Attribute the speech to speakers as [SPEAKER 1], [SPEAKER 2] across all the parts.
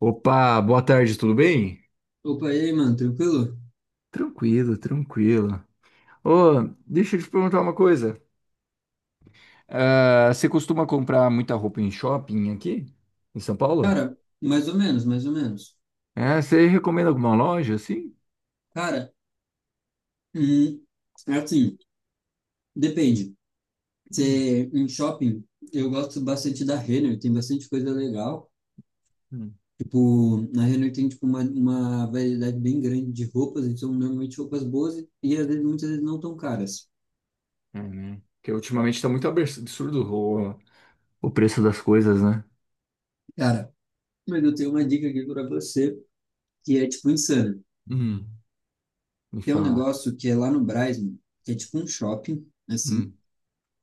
[SPEAKER 1] Opa, boa tarde, tudo bem?
[SPEAKER 2] Opa, e aí, mano, tranquilo?
[SPEAKER 1] Tranquilo, tranquilo. Ô, deixa eu te perguntar uma coisa. Ah, você costuma comprar muita roupa em shopping aqui, em São Paulo?
[SPEAKER 2] Cara, mais ou menos, mais ou menos.
[SPEAKER 1] É, você recomenda alguma loja assim?
[SPEAKER 2] Cara, hum, é assim, depende.
[SPEAKER 1] Hum,
[SPEAKER 2] Você, em shopping, eu gosto bastante da Renner, tem bastante coisa legal.
[SPEAKER 1] hum.
[SPEAKER 2] Tipo, na Renner tem, tipo, uma variedade bem grande de roupas, e são normalmente roupas boas e às vezes, muitas vezes não tão caras.
[SPEAKER 1] É, né? Porque ultimamente tá muito absurdo o preço das coisas, né?
[SPEAKER 2] Cara, mas eu tenho uma dica aqui pra você, que é, tipo, insana.
[SPEAKER 1] Hum, me
[SPEAKER 2] Tem um
[SPEAKER 1] fala.
[SPEAKER 2] negócio que é lá no Brás, mano, que é, tipo, um shopping, assim,
[SPEAKER 1] Hum,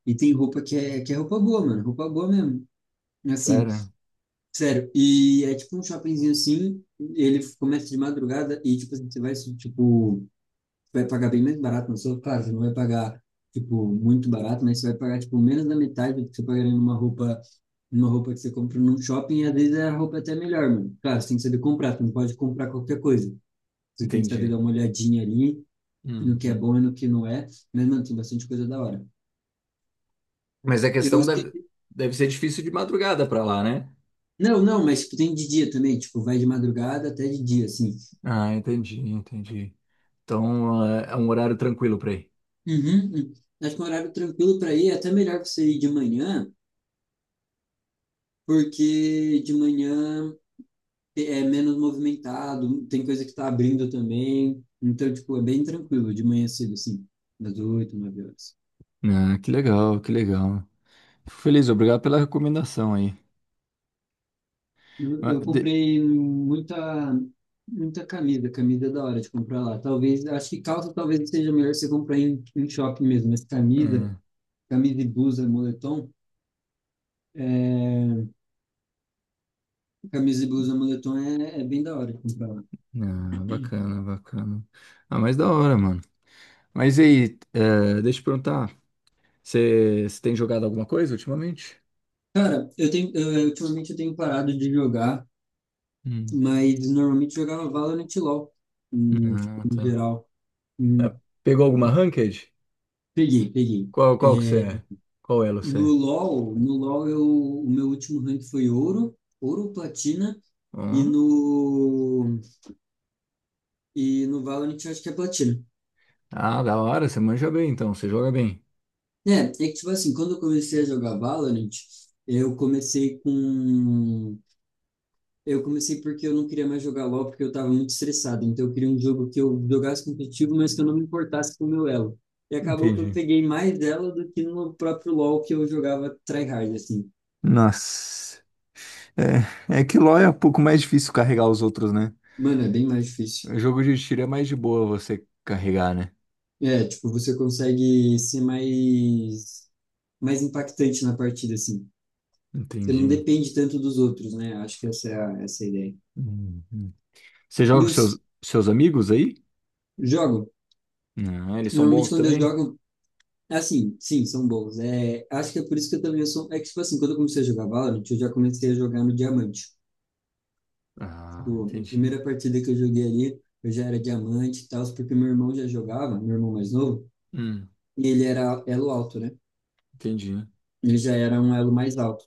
[SPEAKER 2] e tem roupa que é roupa boa, mano, roupa boa mesmo. Assim,
[SPEAKER 1] sério?
[SPEAKER 2] sério, e é tipo um shoppingzinho assim, ele começa de madrugada e tipo, assim, você vai, tipo, vai pagar bem mais barato, não só claro, você não vai pagar, tipo, muito barato, mas você vai pagar, tipo, menos da metade do que você pagaria numa roupa que você compra num shopping, e às vezes a roupa é até melhor, mano. Claro, você tem que saber comprar, você não pode comprar qualquer coisa. Você tem que saber
[SPEAKER 1] Entendi.
[SPEAKER 2] dar uma olhadinha ali no que é
[SPEAKER 1] Uhum.
[SPEAKER 2] bom e no que não é, mas, mano, tem bastante coisa da hora.
[SPEAKER 1] Mas
[SPEAKER 2] Eu esque-
[SPEAKER 1] deve ser difícil de madrugada pra lá, né?
[SPEAKER 2] Não, não, mas tipo, tem de dia também, tipo, vai de madrugada até de dia, assim.
[SPEAKER 1] Ah, entendi, entendi. Então, é um horário tranquilo para ir.
[SPEAKER 2] Uhum, uhum. Acho que um horário tranquilo para ir é até melhor você ir de manhã, porque de manhã é menos movimentado, tem coisa que tá abrindo também. Então, tipo, é bem tranquilo de manhã cedo, assim, das 8, 9 horas.
[SPEAKER 1] Ah, que legal, que legal. Fico feliz, obrigado pela recomendação aí.
[SPEAKER 2] Eu,
[SPEAKER 1] Ah,
[SPEAKER 2] eu comprei muita, muita camisa, camisa é da hora de comprar lá. Talvez, acho que calça talvez seja melhor você comprar em shopping mesmo, mas camisa,
[SPEAKER 1] É,
[SPEAKER 2] camisa e blusa, moletom, é, camisa e blusa, moletom é bem da hora de comprar.
[SPEAKER 1] ah, bacana, bacana. Ah, mas da hora, mano. Mas e aí, é, deixa eu perguntar, você tem jogado alguma coisa ultimamente?
[SPEAKER 2] Cara, ultimamente eu tenho parado de jogar,
[SPEAKER 1] Hum.
[SPEAKER 2] mas normalmente jogava Valorant e LoL, tipo,
[SPEAKER 1] Ah,
[SPEAKER 2] no
[SPEAKER 1] tá.
[SPEAKER 2] geral. Hum,
[SPEAKER 1] Pegou alguma ranked?
[SPEAKER 2] peguei, peguei.
[SPEAKER 1] Qual que você
[SPEAKER 2] É,
[SPEAKER 1] é? Qual elo
[SPEAKER 2] no
[SPEAKER 1] você é?
[SPEAKER 2] LoL, no LoL o meu último rank foi ouro, ouro, platina, e
[SPEAKER 1] Hã?
[SPEAKER 2] no, e no Valorant eu acho que é platina.
[SPEAKER 1] Ah, da hora, você manja bem então, você joga bem.
[SPEAKER 2] É que tipo assim, quando eu comecei a jogar Valorant, eu comecei com Eu comecei porque eu não queria mais jogar LoL, porque eu estava muito estressado. Então eu queria um jogo que eu jogasse competitivo, mas que eu não me importasse com o meu elo. E acabou que eu
[SPEAKER 1] Entendi.
[SPEAKER 2] peguei mais dela do que no próprio LoL que eu jogava tryhard, assim.
[SPEAKER 1] Nossa, é que LoL é um pouco mais difícil carregar os outros, né?
[SPEAKER 2] Mano, é bem mais difícil.
[SPEAKER 1] O jogo de tiro é mais de boa você carregar, né?
[SPEAKER 2] É, tipo, você consegue ser mais impactante na partida, assim. Você não
[SPEAKER 1] Entendi.
[SPEAKER 2] depende tanto dos outros, né? Acho que essa é a ideia.
[SPEAKER 1] Uhum. Você joga
[SPEAKER 2] E
[SPEAKER 1] com
[SPEAKER 2] eu
[SPEAKER 1] seus amigos aí?
[SPEAKER 2] jogo.
[SPEAKER 1] Ah, eles são
[SPEAKER 2] Normalmente
[SPEAKER 1] bons
[SPEAKER 2] quando eu
[SPEAKER 1] também?
[SPEAKER 2] jogo, assim, sim, são bons. É, acho que é por isso que eu também sou. É que, tipo assim, quando eu comecei a jogar Valorant, eu já comecei a jogar no Diamante.
[SPEAKER 1] Ah,
[SPEAKER 2] Tipo, a
[SPEAKER 1] entendi.
[SPEAKER 2] primeira partida que eu joguei ali, eu já era Diamante e tal, porque meu irmão já jogava, meu irmão mais novo,
[SPEAKER 1] Hum,
[SPEAKER 2] e ele era elo alto, né?
[SPEAKER 1] entendi.
[SPEAKER 2] Ele já era um elo mais alto.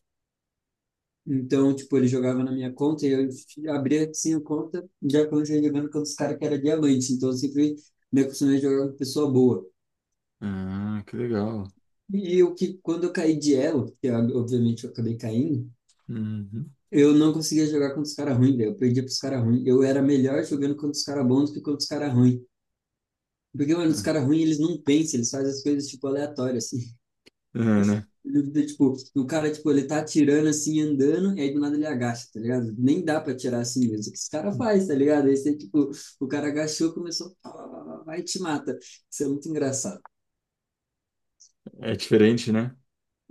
[SPEAKER 2] Então, tipo, ele jogava na minha conta e eu abria assim a conta, já comecei jogando com os caras que era Diamante. Então, eu sempre me acostumei a jogar com pessoa boa.
[SPEAKER 1] Ah, que legal.
[SPEAKER 2] E o que, quando eu caí de elo, que eu, obviamente eu acabei caindo,
[SPEAKER 1] Uhum.
[SPEAKER 2] eu não conseguia jogar contra os caras ruins, velho. Eu perdia pros caras ruins. Eu era melhor jogando contra os caras bons do que contra os caras ruins. Porque, mano, os
[SPEAKER 1] É,
[SPEAKER 2] caras ruins, eles não pensam, eles fazem as coisas, tipo, aleatórias, assim.
[SPEAKER 1] é, né?
[SPEAKER 2] Tipo, o cara, tipo, ele tá atirando, assim, andando, e aí do nada ele agacha, tá ligado? Nem dá pra atirar assim mesmo. O que esse cara faz, tá ligado? Aí você, tipo, o cara agachou, começou, pá, pá, pá, pá, vai e te mata. Isso é muito engraçado.
[SPEAKER 1] É diferente, né?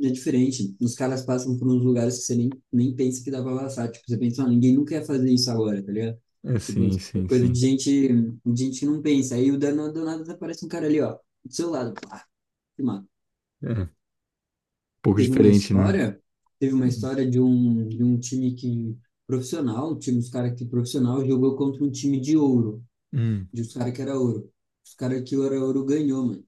[SPEAKER 2] É diferente. Os caras passam por uns lugares que você nem pensa que dá pra passar. Tipo, você pensa, ah, ninguém nunca ia fazer isso agora, tá ligado?
[SPEAKER 1] É,
[SPEAKER 2] Tipo,
[SPEAKER 1] sim,
[SPEAKER 2] é
[SPEAKER 1] sim,
[SPEAKER 2] coisa de
[SPEAKER 1] sim.
[SPEAKER 2] gente, de gente que não pensa. Aí o dano do nada aparece um cara ali, ó, do seu lado. Pá, te mata.
[SPEAKER 1] É, um pouco
[SPEAKER 2] Teve uma
[SPEAKER 1] diferente, né?
[SPEAKER 2] história, teve uma história de um time que profissional, um time dos caras que profissional jogou contra um time de ouro,
[SPEAKER 1] Hum.
[SPEAKER 2] de os caras que era ouro. Os caras que era ouro ganhou, mano.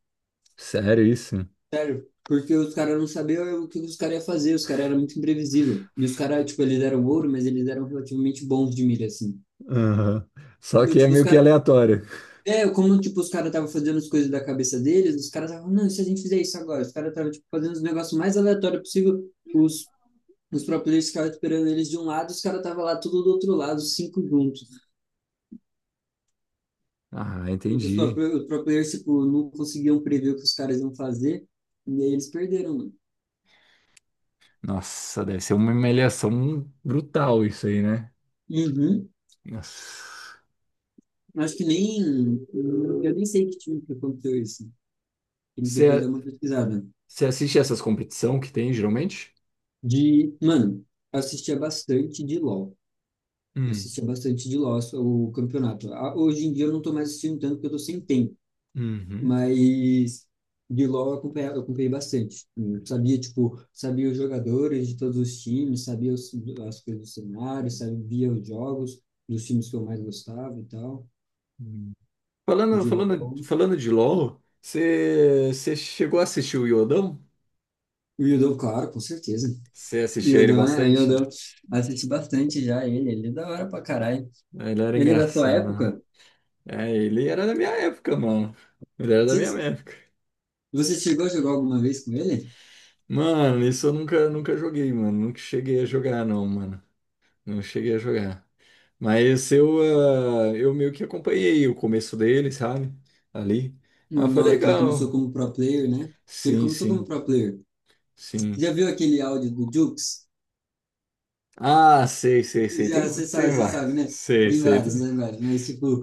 [SPEAKER 1] Sério isso?
[SPEAKER 2] Sério, porque os caras não sabiam o que os caras iam fazer, os caras eram muito imprevisível. E os caras, tipo, eles eram ouro, mas eles eram relativamente bons de mira assim.
[SPEAKER 1] Aham. Só
[SPEAKER 2] Então,
[SPEAKER 1] que é
[SPEAKER 2] tipo, os
[SPEAKER 1] meio que
[SPEAKER 2] caras.
[SPEAKER 1] aleatório.
[SPEAKER 2] É, como, tipo, os caras estavam fazendo as coisas da cabeça deles, os caras estavam, não, e se a gente fizer isso agora? Os caras estavam, tipo, fazendo os negócios mais aleatórios possível. Os próprios ficavam esperando eles de um lado, os caras estavam lá tudo do outro lado, os cinco juntos.
[SPEAKER 1] Ah,
[SPEAKER 2] Tipo, Os
[SPEAKER 1] entendi.
[SPEAKER 2] próprios, os próprios, tipo, não conseguiam prever o que os caras iam fazer, e aí eles perderam, mano.
[SPEAKER 1] Nossa, deve ser uma humilhação brutal isso aí, né?
[SPEAKER 2] Uhum.
[SPEAKER 1] Nossa.
[SPEAKER 2] Acho que nem. Eu nem sei que time que aconteceu isso. Tem que depois dar
[SPEAKER 1] Você
[SPEAKER 2] uma pesquisada.
[SPEAKER 1] você assiste essas competição que tem, geralmente?
[SPEAKER 2] De. Mano, assistia bastante de LOL.
[SPEAKER 1] Hum,
[SPEAKER 2] Assistia bastante de LOL o campeonato. Ah, hoje em dia eu não tô mais assistindo tanto porque eu tô sem tempo.
[SPEAKER 1] uhum.
[SPEAKER 2] Mas de LOL eu acompanhava, eu acompanhei bastante. Eu sabia, tipo, sabia os jogadores de todos os times, sabia as coisas do cenário, sabia os jogos dos times que eu mais gostava e tal.
[SPEAKER 1] Hum.
[SPEAKER 2] De LOL.
[SPEAKER 1] Falando de LoL, você chegou a assistir o Iodão?
[SPEAKER 2] O Yudou, claro, com certeza.
[SPEAKER 1] Você assistia ele
[SPEAKER 2] Yodão, né?
[SPEAKER 1] bastante?
[SPEAKER 2] Yodão. Assisti bastante já ele. Ele é da hora pra caralho.
[SPEAKER 1] Ele era
[SPEAKER 2] Ele é da tua
[SPEAKER 1] engraçado, né?
[SPEAKER 2] época?
[SPEAKER 1] É, ele era da minha época, mano. Ele era da minha
[SPEAKER 2] Você,
[SPEAKER 1] época.
[SPEAKER 2] você chegou a jogar alguma vez com ele?
[SPEAKER 1] Mano, isso eu nunca joguei, mano. Nunca cheguei a jogar, não, mano. Não cheguei a jogar. Mas eu, ah, eu meio que acompanhei o começo dele, sabe? Ali. Ah, foi
[SPEAKER 2] Na hora que ele
[SPEAKER 1] legal.
[SPEAKER 2] começou como pro player, né? Que ele
[SPEAKER 1] Sim,
[SPEAKER 2] começou como
[SPEAKER 1] sim,
[SPEAKER 2] pro player.
[SPEAKER 1] sim.
[SPEAKER 2] Já viu aquele áudio do Jukes?
[SPEAKER 1] Ah, sei, sei, sei.
[SPEAKER 2] Já,
[SPEAKER 1] Tem, tem
[SPEAKER 2] você
[SPEAKER 1] vários.
[SPEAKER 2] sabe, né?
[SPEAKER 1] Sei,
[SPEAKER 2] Tem
[SPEAKER 1] sei. Tá.
[SPEAKER 2] vários, né, vários. Mas, tipo,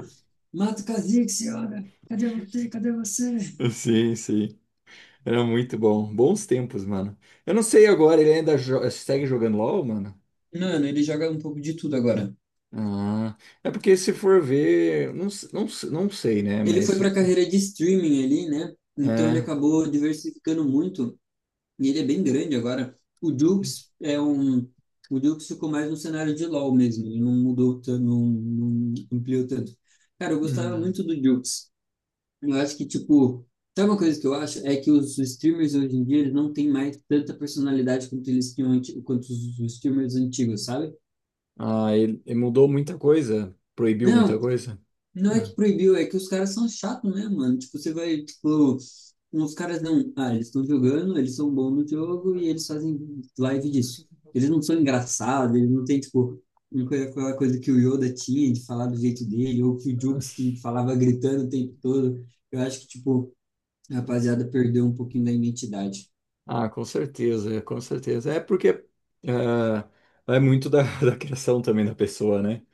[SPEAKER 2] mata o Kha'Zix, senhora! Cadê você? Cadê você?
[SPEAKER 1] Sim, sim. Era muito bom. Bons tempos, mano. Eu não sei agora, ele segue jogando LOL, mano?
[SPEAKER 2] Mano, ele joga um pouco de tudo agora.
[SPEAKER 1] Ah, é porque se for ver, não sei, né?
[SPEAKER 2] Ele foi
[SPEAKER 1] Mas
[SPEAKER 2] pra carreira de streaming ali, né? Então ele
[SPEAKER 1] é.
[SPEAKER 2] acabou diversificando muito. E ele é bem grande agora. O Dukes é um. O Dukes ficou mais no cenário de LoL mesmo. Ele não mudou, não, não ampliou tanto. Cara, eu gostava
[SPEAKER 1] Hum.
[SPEAKER 2] muito do Dukes. Eu acho que, tipo. Sabe uma coisa que eu acho? É que os streamers hoje em dia eles não têm mais tanta personalidade quanto eles tinham, quanto os streamers antigos, sabe?
[SPEAKER 1] Ah, ele mudou muita coisa, proibiu muita
[SPEAKER 2] Não,
[SPEAKER 1] coisa.
[SPEAKER 2] não é
[SPEAKER 1] Ah.
[SPEAKER 2] que proibiu, é que os caras são chatos, né, mano? Tipo, você vai, tipo, os caras não. Ah, eles estão jogando, eles são bons no jogo e eles fazem live disso. Eles não são engraçados, eles não têm, tipo, aquela coisa que o Yoda tinha de falar do jeito dele, ou que o Jukes que falava gritando o tempo todo. Eu acho que, tipo, a rapaziada perdeu um pouquinho da identidade.
[SPEAKER 1] Ah, com certeza, com certeza. É porque ah, vai muito da, da criação também da pessoa, né?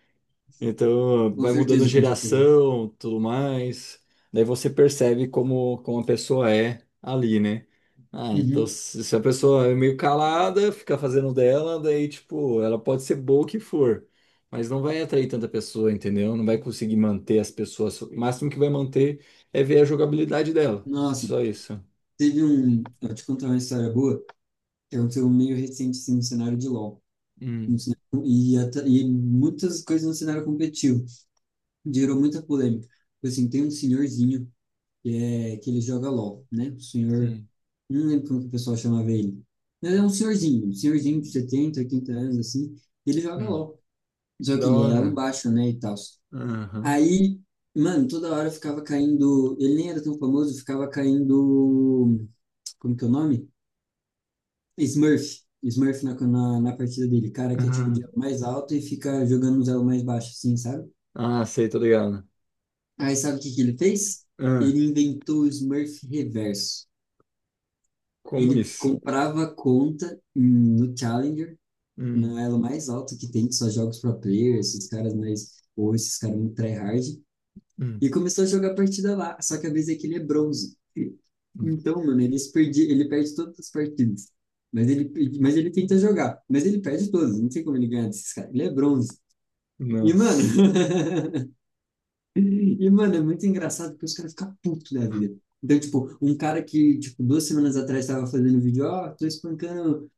[SPEAKER 1] Então,
[SPEAKER 2] Com
[SPEAKER 1] vai mudando
[SPEAKER 2] certeza, com certeza.
[SPEAKER 1] geração, tudo mais. Daí você percebe como a pessoa é ali, né? Ah, então
[SPEAKER 2] Uhum.
[SPEAKER 1] se a pessoa é meio calada, fica fazendo dela, daí, tipo, ela pode ser boa o que for, mas não vai atrair tanta pessoa, entendeu? Não vai conseguir manter as pessoas. O máximo que vai manter é ver a jogabilidade dela.
[SPEAKER 2] Nossa.
[SPEAKER 1] Só isso.
[SPEAKER 2] Teve
[SPEAKER 1] Hum,
[SPEAKER 2] um. Eu te contar uma história boa que aconteceu meio recente, assim, no cenário de LoL. um
[SPEAKER 1] hum,
[SPEAKER 2] cenário- E, até- e muitas coisas no cenário competitivo. Gerou muita polêmica. Tipo, assim, tem um senhorzinho que, é, que ele joga LOL, né? O senhor.
[SPEAKER 1] hum.
[SPEAKER 2] Não lembro como que o pessoal chamava ele. Mas é um senhorzinho. Um senhorzinho de 70, 80 anos, assim. Ele joga
[SPEAKER 1] Hum.
[SPEAKER 2] LOL. Só que
[SPEAKER 1] Da
[SPEAKER 2] ele é elo
[SPEAKER 1] hora.
[SPEAKER 2] baixo, né? E tal.
[SPEAKER 1] Aham.
[SPEAKER 2] Aí, mano, toda hora ficava caindo. Ele nem era tão famoso, ficava caindo. Como que é o nome? Smurf. Smurf na partida dele. Cara que é tipo de
[SPEAKER 1] Aham.
[SPEAKER 2] elo mais alto e fica jogando uns elos mais baixos, assim, sabe?
[SPEAKER 1] Ah, sei, tô ligado.
[SPEAKER 2] Aí sabe o que que ele fez?
[SPEAKER 1] Ah,
[SPEAKER 2] Ele inventou o Smurf reverso.
[SPEAKER 1] como
[SPEAKER 2] Ele
[SPEAKER 1] isso?
[SPEAKER 2] comprava conta no Challenger,
[SPEAKER 1] Hum,
[SPEAKER 2] no elo mais alto que tem, que só jogos pro players, esses caras mais. Ou esses caras muito tryhard.
[SPEAKER 1] hum,
[SPEAKER 2] E começou a jogar partida lá. Só que a vez é que ele é bronze.
[SPEAKER 1] hum.
[SPEAKER 2] Então, mano, ele, se perdi, ele perde todas as partidas. Mas ele tenta jogar. Mas ele perde todas. Não sei como ele ganha desses caras. Ele é bronze. E, mano,
[SPEAKER 1] Nossa.
[SPEAKER 2] e, mano, é muito engraçado porque os caras ficam putos da vida. Então, tipo, um cara que, tipo, 2 semanas atrás tava fazendo vídeo, ó, tô espancando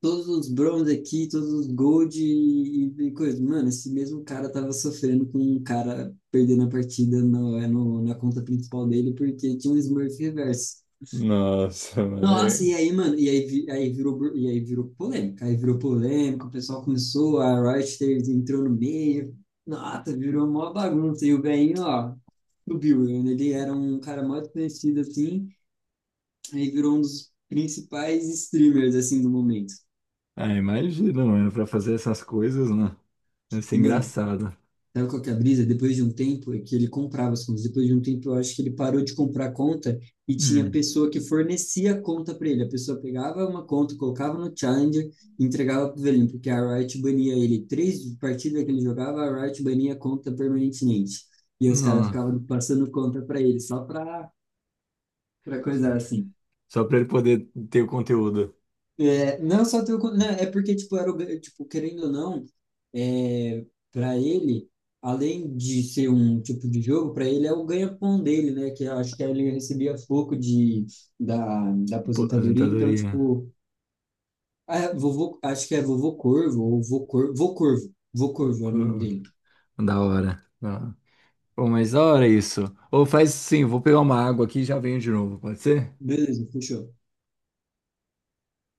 [SPEAKER 2] todos os bronze aqui, todos os gold e coisa. Mano, esse mesmo cara tava sofrendo com um cara perdendo a partida na conta principal dele porque tinha um Smurf reverso.
[SPEAKER 1] Nossa, mano.
[SPEAKER 2] Nossa, e aí, mano, e aí, aí virou, e aí virou polêmica, o pessoal começou, a Riot entrou no meio, nossa, virou mó bagunça, e o Gainho, ó, subiu, ele era um cara muito conhecido, assim, aí virou um dos principais streamers, assim, do momento.
[SPEAKER 1] Ah, imagina, mano, pra fazer essas coisas, né? Deve ser
[SPEAKER 2] E, mano,
[SPEAKER 1] engraçado.
[SPEAKER 2] sabe qual que é a brisa? Depois de um tempo, é que ele comprava as contas. Depois de um tempo, eu acho que ele parou de comprar a conta e tinha
[SPEAKER 1] Hum.
[SPEAKER 2] pessoa que fornecia a conta para ele. A pessoa pegava uma conta, colocava no Challenger e entregava para o velhinho, porque a Riot bania ele. Três partidas que ele jogava, a Riot bania a conta permanentemente. E os caras
[SPEAKER 1] Não.
[SPEAKER 2] ficavam passando conta para ele, só para coisa assim.
[SPEAKER 1] Só pra ele poder ter o conteúdo.
[SPEAKER 2] É, não só teu, não, é porque tipo era tipo querendo ou não, é, para ele, além de ser um tipo de jogo, para ele é o ganha-pão dele, né? Que eu acho que ele recebia pouco da, da
[SPEAKER 1] Pô,
[SPEAKER 2] aposentadoria, então
[SPEAKER 1] aposentadoria.
[SPEAKER 2] tipo, ah, vovô, acho que é vovô Corvo ou vô Corvo, vô Corvo, vô Corvo é o nome
[SPEAKER 1] Loucura.
[SPEAKER 2] dele.
[SPEAKER 1] Da hora. Da hora. Pô, mas da hora isso. Ou faz sim, vou pegar uma água aqui e já venho de novo, pode ser?
[SPEAKER 2] Beleza, fechou.